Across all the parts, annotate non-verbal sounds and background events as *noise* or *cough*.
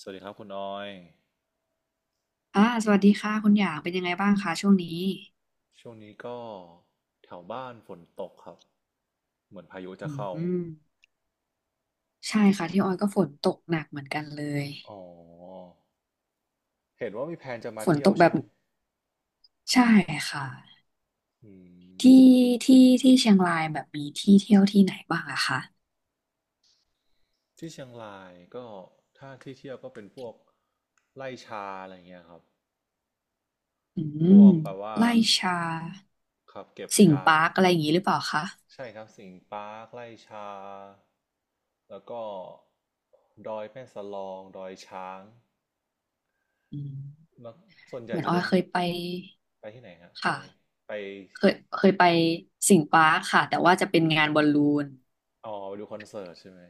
สวัสดีครับคุณออย สวัสดีค่ะคุณหยางเป็นยังไงบ้างคะช่วงนี้ช่วงนี้ก็แถวบ้านฝนตกครับ เหมือนพายุอจะเข้า ืมใช่ค่ะที่ออยก็ฝนตกหนักเหมือนกันเลยอ๋อ เห็นว่ามีแผนจะมาฝนเที่ยตวกแบใช่บไหมใช่ค่ะอืที่มที่ที่เชียงรายแบบมีที่เที่ยวที่ไหนบ้างอะคะที่เชียงรายก็ถ้าที่เที่ยวก็เป็นพวกไล่ชาอะไรเงี้ยครับ อืพวมกแปลว่าไร่ชาขับเก็บสิงห์ชา ปาร์คอะไรอย่างนี้หรือเปล่าคะใช่ครับสิงห์ปาร์คไล่ชา แล้วก็ดอยแม่สลองดอยช้าง อืมแล้วส่วนใหเหญ่มือนจะออเป็ยนเคยไปไปที่ไหนครับไปค่ะไปเคยไปสิงห์ปาร์คค่ะแต่ว่าจะเป็นงานบอลลูนอ๋อไปดูคอนเสิร์ตใช่ไหม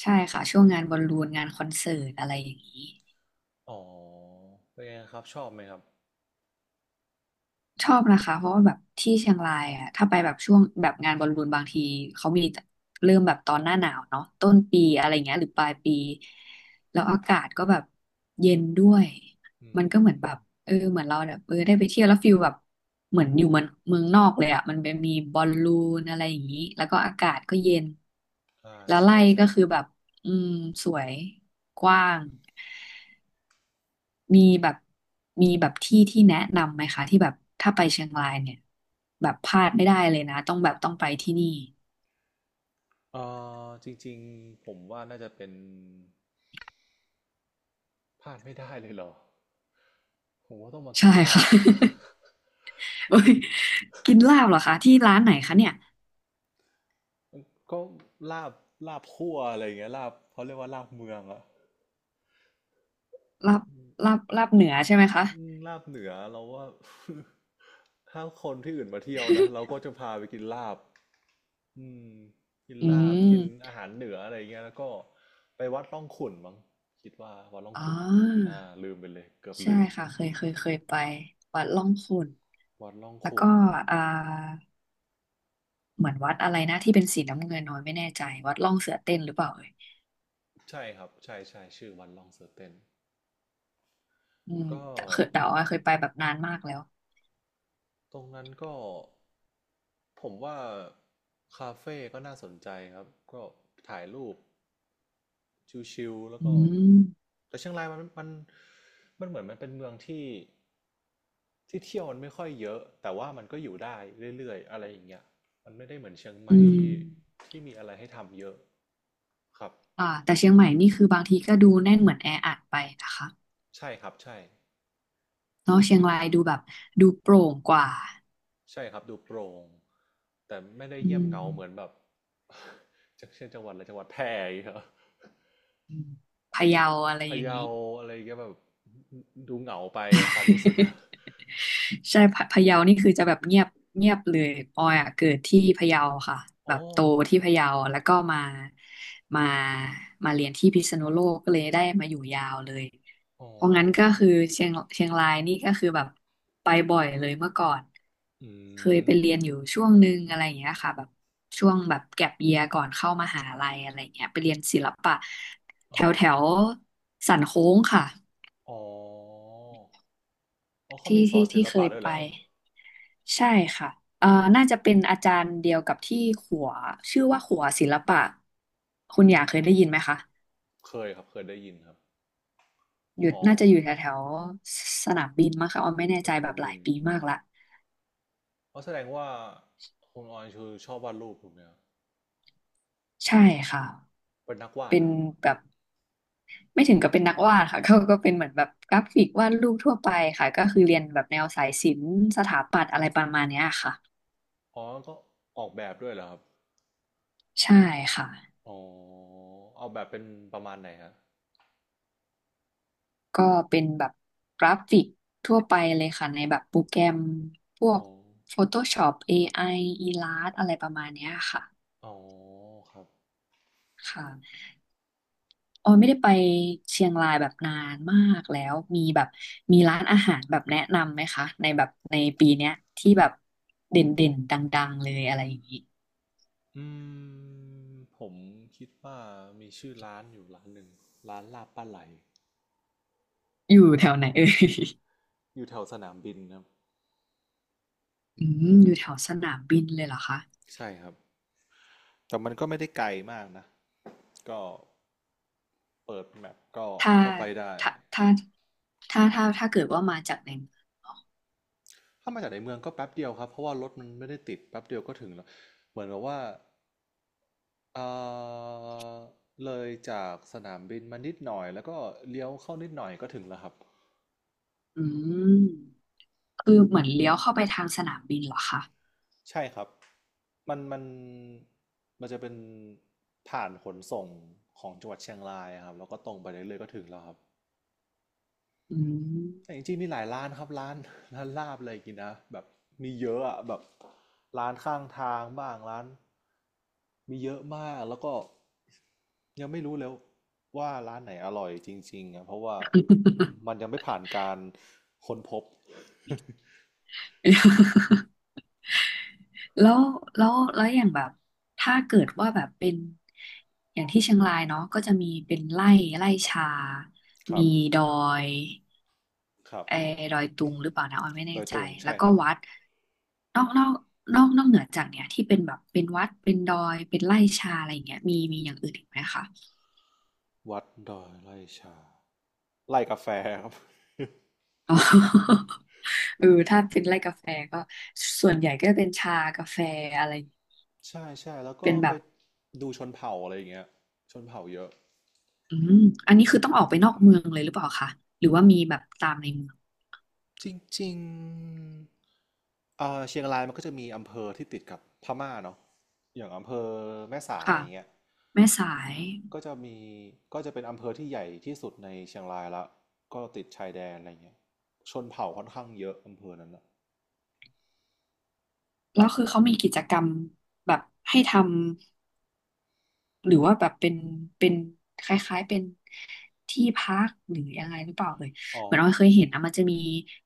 ใช่ค่ะช่วงงานบอลลูนงานคอนเสิร์ตอะไรอย่างนี้ อ๋อเป็นไงครับชอบไหมครับชอบนะคะเพราะว่าแบบที่เชียงรายอ่ะถ้าไปแบบช่วงแบบงานบอลลูนบางทีเขามีเริ่มแบบตอนหน้าหนาวเนาะต้นปีอะไรเงี้ยหรือปลายปีแล้วอากาศก็แบบเย็นด้วยอืมันมก็เหมือนแบบเหมือนเราแบบได้ไปเที่ยวแล้วฟิลแบบเหมือนอยู่เมืองเมืองนอกเลยอ่ะมันเป็นมีบอลลูนอะไรอย่างนี้แล้วก็อากาศก็เย็นอ่าแล้วไร่ใช่ใช่ก็คือแบบอืมสวยกว้าง มีแบบมีแบบที่แนะนำไหมคะที่แบบถ้าไปเชียงรายเนี่ยแบบพลาดไม่ได้เลยนะต้องแบบต้องไปที่นี่เอ่จริงๆผมว่าน่าจะเป็นพลาดไม่ได้เลยเหรอผมว่าต้องมากิใช่นลาค่ะ บ *laughs* โอ้ยกินลาบเหรอคะที่ร้านไหนคะเนี่ย *laughs* ก็ลาบลาบคั่วอะไรอย่างเงี้ยลาบเขาเรียกว่าลาบเมืองอะ ลาบลาบลาบเหนือใช่ไหมคะ อืมลาบเหนือเราว่า *laughs* ถ้าคนที่อื่นมาเที่ยวนะเรา *laughs* ก็จะพาไปกินลาบอืมกินอืลาบกินมอาหารเหนืออะไรเงี้ยแล้วก็ไปวัดร่องขุ่นมั้งคิดว่าวัดร่องอ๋อขุ่นอ่าลืมไปเลยเกือบใช่ลืมค่ะเคยเคยไปวัดล่องขุ่นวัดร่องแล้วก็ขุ่นอ่าเหมือนวัดอะไรนะที่เป็นสีน้ำเงินน้อยไม่แน่ใจวัดล่องเสือเต้นหรือเปล่าเอ่ยใช่ครับใช่ใช่ชื่อวัดร่องเสือเต้นอืมก็แต่เคยแต่ว่าเคยไปแบบนานมากแล้วตรงนั้นก็ผมว่าคาเฟ่ก็น่าสนใจครับก็ถ่ายรูปชิวๆแล้วอืก็ ม แต่เชียงรายมันมันเหมือนมันเป็นเมืองที่ที่เที่ยวมันไม่ค่อยเยอะแต่ว่ามันก็อยู่ได้เรื่อยๆอะไรอย่างเงี้ยมันไม่ได้เหมือนเชียงใหม่อืมที่มีอะไรให้ทำเยอะครับแต่เชียงใหม่นี่คือบางทีก็ดูแน่นเหมือนแออัดไปนะคะใช่ครับใช่เนาะเชียงรายดูแบบดูโปร่งกว่าใช่ครับดูโปร่งแต่ไม่ได้อืเงียบมเหงาเหมือนแบบ *laughs* จากเช่นจังหวัดอะไรจังหวัดแพร่อย่างเงี้ยอืมพะเยาอะไรอพะย่างเยานี้ อะไรอย่างเงี้ยแบบดูเหงาไปความรู้สึกนะ *laughs* ใช่พะเยานี่คือจะแบบเงียบเงียบเลยออยอ่ะเกิดที่พะเยาค่ะแบอ๋อบโตที่พะเยาแล้วก็มามาเรียนที่พิษณุโลกก็เลยได้มาอยู่ยาวเลยอ๋เพราะงั้นก็อคือเชียงรายนี่ก็คือแบบไปบ่อยเลยเมื่อก่อนอืเคยมไปเรียนอยู่ช่วงหนึ่งอะไรอย่างเงี้ยค่ะแบบช่วงแบบแก็ปเยียก่อนเข้ามหาลัยอะไรเงี้ยไปเรียนศิลปะแถอ๋อวแถวสันโค้งค่ะอ๋อ อ๋อเขาที่มีสอที่นศิที่ลเคปะยด้วยเหไป รอครับใช่ค่ะเอ่อน่าจะเป็นอาจารย์เดียวกับที่ขัว ชื่อว่าขัวศิลปะ คุณหยากเคยได้ยินไหมคะเคยครับเคยได้ยินครับอยู่อ๋อน่าจะอยู่แถวแถวสนามบินมั้งคะออมไม่แน่สใจนาแบมบหลาบิยนปีมากละอาะแสดงว่าคุณออยคือชอบวาดรูปถูกไหมครับใช่ค่ะเป็นนักวาดเป็เหรนอครับแบบไม่ถึงกับเป็นนักวาดค่ะ *laughs* เขาก็เป็นเหมือนแบบกราฟิกวาดรูปทั่วไปค่ะ ก็คือเรียนแบบแนวสายศิลป์สถาปัตย์อะไรประมาณเนี้ยค่ะอ๋อก็ออกแบบด้วยเหรอครับใช่ค่ะ อ๋อเอาแบบเป็นประมาณไหนฮะก็เป็นแบบกราฟิกทั่วไปเลยค่ะในแบบโปรแกรมพวอ๋อก Photoshop AI อ l l u s t อะไรประมาณเนี้ยค่ะอ๋อครับค่ะออยไม่ได้ไปเชียงรายแบบนานมากแล้วมีแบบมีร้านอาหารแบบแนะนำไหมคะในแบบในปีเนี้ยที่แบบเด่นเด่นดังๆเลยอะไรอย่างนี้อืมผมคิดว่ามีชื่อร้านอยู่ร้านหนึ่งร้านลาบปลาไหลอยู่แถวไหนเอ่ย *laughs* อยู่แถวสนามบินครับอืมอยู่แถวสนามบินเลยเหรอคะใช่ครับ แต่มันก็ไม่ได้ไกลมากนะ ก็เปิดแมปก็ถ้าก็ไปได้ ถ้าถ้าถ้าถ้าเกิดว่ามาจากในถ้ามาจากในเมืองก็แป๊บเดียวครับเพราะว่ารถมันไม่ได้ติดแป๊บเดียวก็ถึงแล้วเหมือนกับว่าเอ่อเลยจากสนามบินมานิดหน่อยแล้วก็เลี้ยวเข้านิดหน่อยก็ถึงแล้วครับอืม คือเหมือนเลี้ยวเข้าไปทางสนามบินเหรอคะใช่ครับมันมันจะเป็นผ่านขนส่งของจังหวัดเชียงรายครับแล้วก็ตรงไปเรื่อยๆก็ถึงแล้วครับ อืม แต่จริงๆมีหลายร้านครับร้าน *laughs* ร้านลาบอะไรกินนะแบบมีเยอะอะแบบร้านข้างทางบ้างร้านมีเยอะมากแล้วก็ยังไม่รู้แล้วว่าร้านไหนอร่อยจริงๆอะเพราะว่า *laughs* มันยังไม่ผ่านการค้นพบ แล้วแล้วแล้วอย่างแบบถ้าเกิดว่าแบบเป็นอย่างที่เชียงรายเนาะก็จะมีเป็นไร่ไร่ชา *laughs* ครัมีบดอยครับเออดอยตุงหรือเปล่านะออยไม่ดแน่อยใจตุงแล้ใช่วก็ครับวัดนอกนอกนอกเหนือจากเนี้ยที่เป็นแบบเป็นวัดเป็นดอยเป็นไร่ชาอะไรอย่างเงี้ยมีมีอย่างอื่นอีกไหมคะ วัดดอยไร่ชาไร่กาแฟครับ อ๋อ *laughs* เออถ้าเป็นไร่กาแฟก็ส่วนใหญ่ก็จะเป็นชากาแฟอะไร *laughs* ใช่ใช่แล้วก็เป็นแบไปบดูชนเผ่าอะไรอย่างเงี้ยชนเผ่าเยอะ อืมอันนี้คือต้องออกไปนอกเมืองเลยหรือเปล่าคะหรือว่ามีแบบตามในเมืองจริงๆเชียงรายมันก็จะมีอำเภอที่ติดกับพม่าเนาะอย่างอำเภอแม่สายค่ะอย่างเงี้ยแม่สายก็จะมีก็จะเป็นอำเภอที่ใหญ่ที่สุดในเชียงรายละก็ติดชายแดนอะไรเงี้ยชนเผ่าค่อนข้างเยอะอำเภอนั้นอะแล้แบวบคือเขามีกิจกรรมแบบให้ทำหรือว่าแบบเป็นเป็นคล้ายๆเป็นที่พักหรือยังไงหรือเปล่าเลยอ๋อเหมือนเราเคยเห็นนะมันจะมี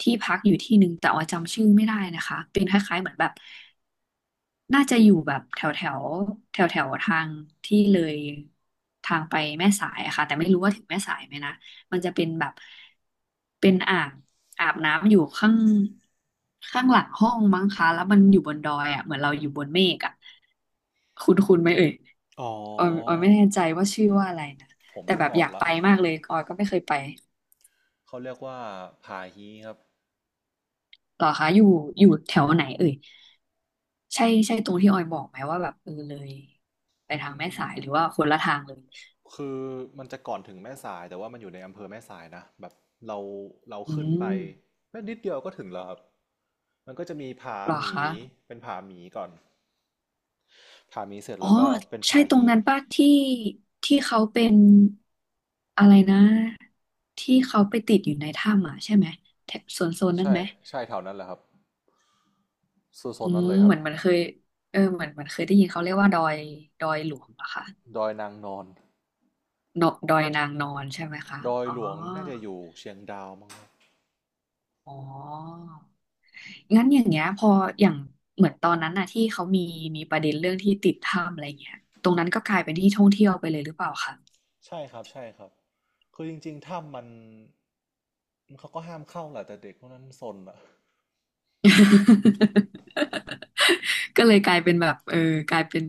ที่พักอยู่ที่หนึ่งแต่ว่าจำชื่อไม่ได้นะคะเป็นคล้ายๆเหมือนแบบ น่าจะอยู่แบบแถวแถวแถวแถวๆทางที่เลยทางไปแม่สายอะค่ะแต่ไม่รู้ว่าถึงแม่สายไหมนะมันจะเป็นแบบเป็นอ่างอาบน้ำอยู่ข้างข้างหลังห้องมั้งคะแล้วมันอยู่บนดอยอ่ะเหมือนเราอยู่บนเมฆอ่ะคุณไหมเอ่ยอ๋อออยไม่แน่ใจว่าชื่อว่าอะไรนะผมแต่นึแบกบอออกยากละไปมากเลยออยก็ไม่เคยไปเขาเรียกว่าผาฮีครับหรอคะอยู่อยู่แถวไหนเอ่ยใช่ใช่ตรงที่ออยบอกไหมว่าแบบเออเลยไปอืทางแม่สายม หรือว่าคนละทางเลย คือมันจะก่อนถึงแม่สายแต่ว่ามันอยู่ในอำเภอแม่สายนะแบบเราเราอืขึ้นไปมแป๊บนิดเดียวก็ถึงแล้วครับมันก็จะมีผาเหรอหมีคะเป็นผาหมีก่อนผาหมีเสร็จอ๋อแล้วก็เป็นใช่ผาตรงฮีนั้นป่ะที่ที่เขาเป็นอะไรนะที่เขาไปติดอยู่ในถ้ำอ่ะใช่ไหมแถบโซนนั่นใช่ไหมใช่แถวนั้นแหละครับโซอืนนั้นมเลยครัเหบมือนเหมันเคยเออเหมือนเหมันเคยได้ยินเขาเรียกว่าดอยหลวงเหรอคะดอยนางนอนเนอะดอยนางนอนใช่ไหมคะดอยอ๋อหลวงน่าจะอยู่เชียงดาวมั้งครับอ๋องั้นอย่างเงี้ยพออย่างเหมือนตอนนั้นน่ะที่เขามีประเด็นเรื่องที่ติดถ้ำอะไรเงี้ยตรงนั้นก็กลายเป็นที่ท่องเที่ยวไปเลยหรือเปล่าคะ ใช่ครับใช่ครับคือจริงๆถ้ำมันเขาก็ห้ามเข้าแหละแต่เด็กพวกนั้นซนอะ *laughs* ก็เลยกลายเป็นแบบเออกลายเป็น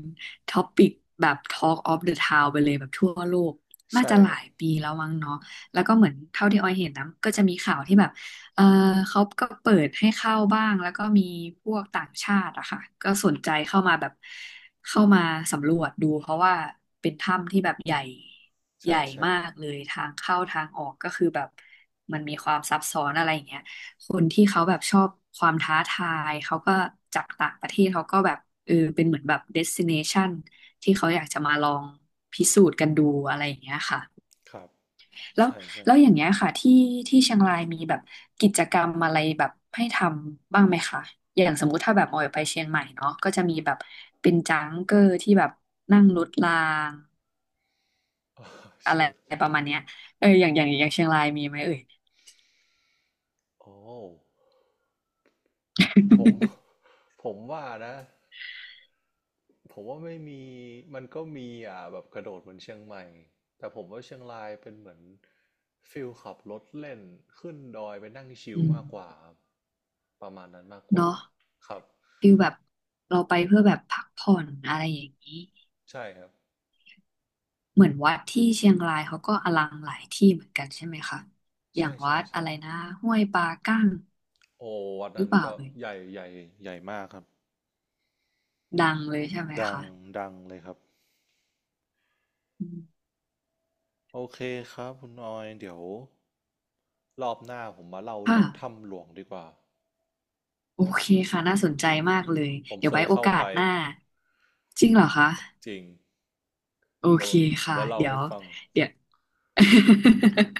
ท็อปิกแบบ Talk of the Town ไปเลยแบบทั่วโลกน่าใช่จะหคลารับยปีแล้วมั้งเนาะแล้วก็เหมือนเท่าที่ออยเห็นนะก็จะมีข่าวที่แบบเออเขาก็เปิดให้เข้าบ้างแล้วก็มีพวกต่างชาติอะค่ะก็สนใจเข้ามาแบบเข้ามาสำรวจดูเพราะว่าเป็นถ้ำที่แบบใหญ่ใหใช่ญ่ใช่มากเลยทางเข้าทางออกก็คือแบบมันมีความซับซ้อนอะไรอย่างเงี้ย คนที่เขาแบบชอบความท้าทายเขาก็จากต่างประเทศเขาก็แบบเออเป็นเหมือนแบบเดสติเนชันที่เขาอยากจะมาลองพิสูจน์กันดูอะไรอย่างเงี้ยค่ะครับแล้วใช่ใช่ แล้ว *laughs* อย่างเงี้ยค่ะที่ที่เชียงรายมีแบบกิจกรรมอะไรแบบให้ทำบ้างไหมคะอย่างสมมุติถ้าแบบออยไปเชียงใหม่เนาะก็จะมีแบบเป็นจังเกอร์ที่แบบนั่งรถรางเอออะเชีไรยง ประมาณเนี้ยเอออย่างเชียงรายมีไหมเอ่ย โอ้ผม *laughs* *laughs* ผมว่านะผมว่าไม่มีมันก็มีอ่ะแบบกระโดดเหมือนเชียงใหม่แต่ผมว่าเชียงรายเป็นเหมือนฟิลขับรถเล่นขึ้นดอยไปนั่งชิลอืม มากกว่าครับประมาณนั้นมากกว่าเนาะครับฟิลแบบเราไปเพื่อแบบพักผ่อนอะไรอย่างนี้ใช่ครับเหมือนวัดที่เชียงรายเขาก็อลังหลายที่เหมือนกันใช่ไหมคะอย่าใช่งวัใช่ดอะใช่ไรนะห้วยปลากั้งโอ้วัดหรืนั้อนเปล่าก็เลยใหญ่ใหญ่มากครับดังเลยใช่ไหมดังคะดังเลยครับอืมโอเคครับคุณออยเดี๋ยวรอบหน้าผมมาเล่าค่ะเรื่องถ้ำหลวงดีกว่าโอเคค่ะน่าสนใจมากเลยผมเดี๋ยเควไว้ยโอเข้ากาไปสหน้าจริงเหรอคะจริง โอเดี๋ยเควผมค่ะว่าเล่าเดี๋ยให้วฟังเดี๋ยว *laughs*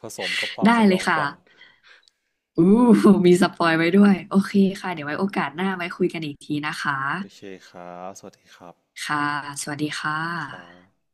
ผสมกับความได้สยเลอยงขค่ะวัญอู้มีสปอยไว้ด้วยโอโอเคเคค่ะเดี๋ยวไว้โอกาสหน้าไว้คุยกันอีกทีนะคะ โอเคครับสวัสดีครับค่ะ สวัสดีค่ครัะบ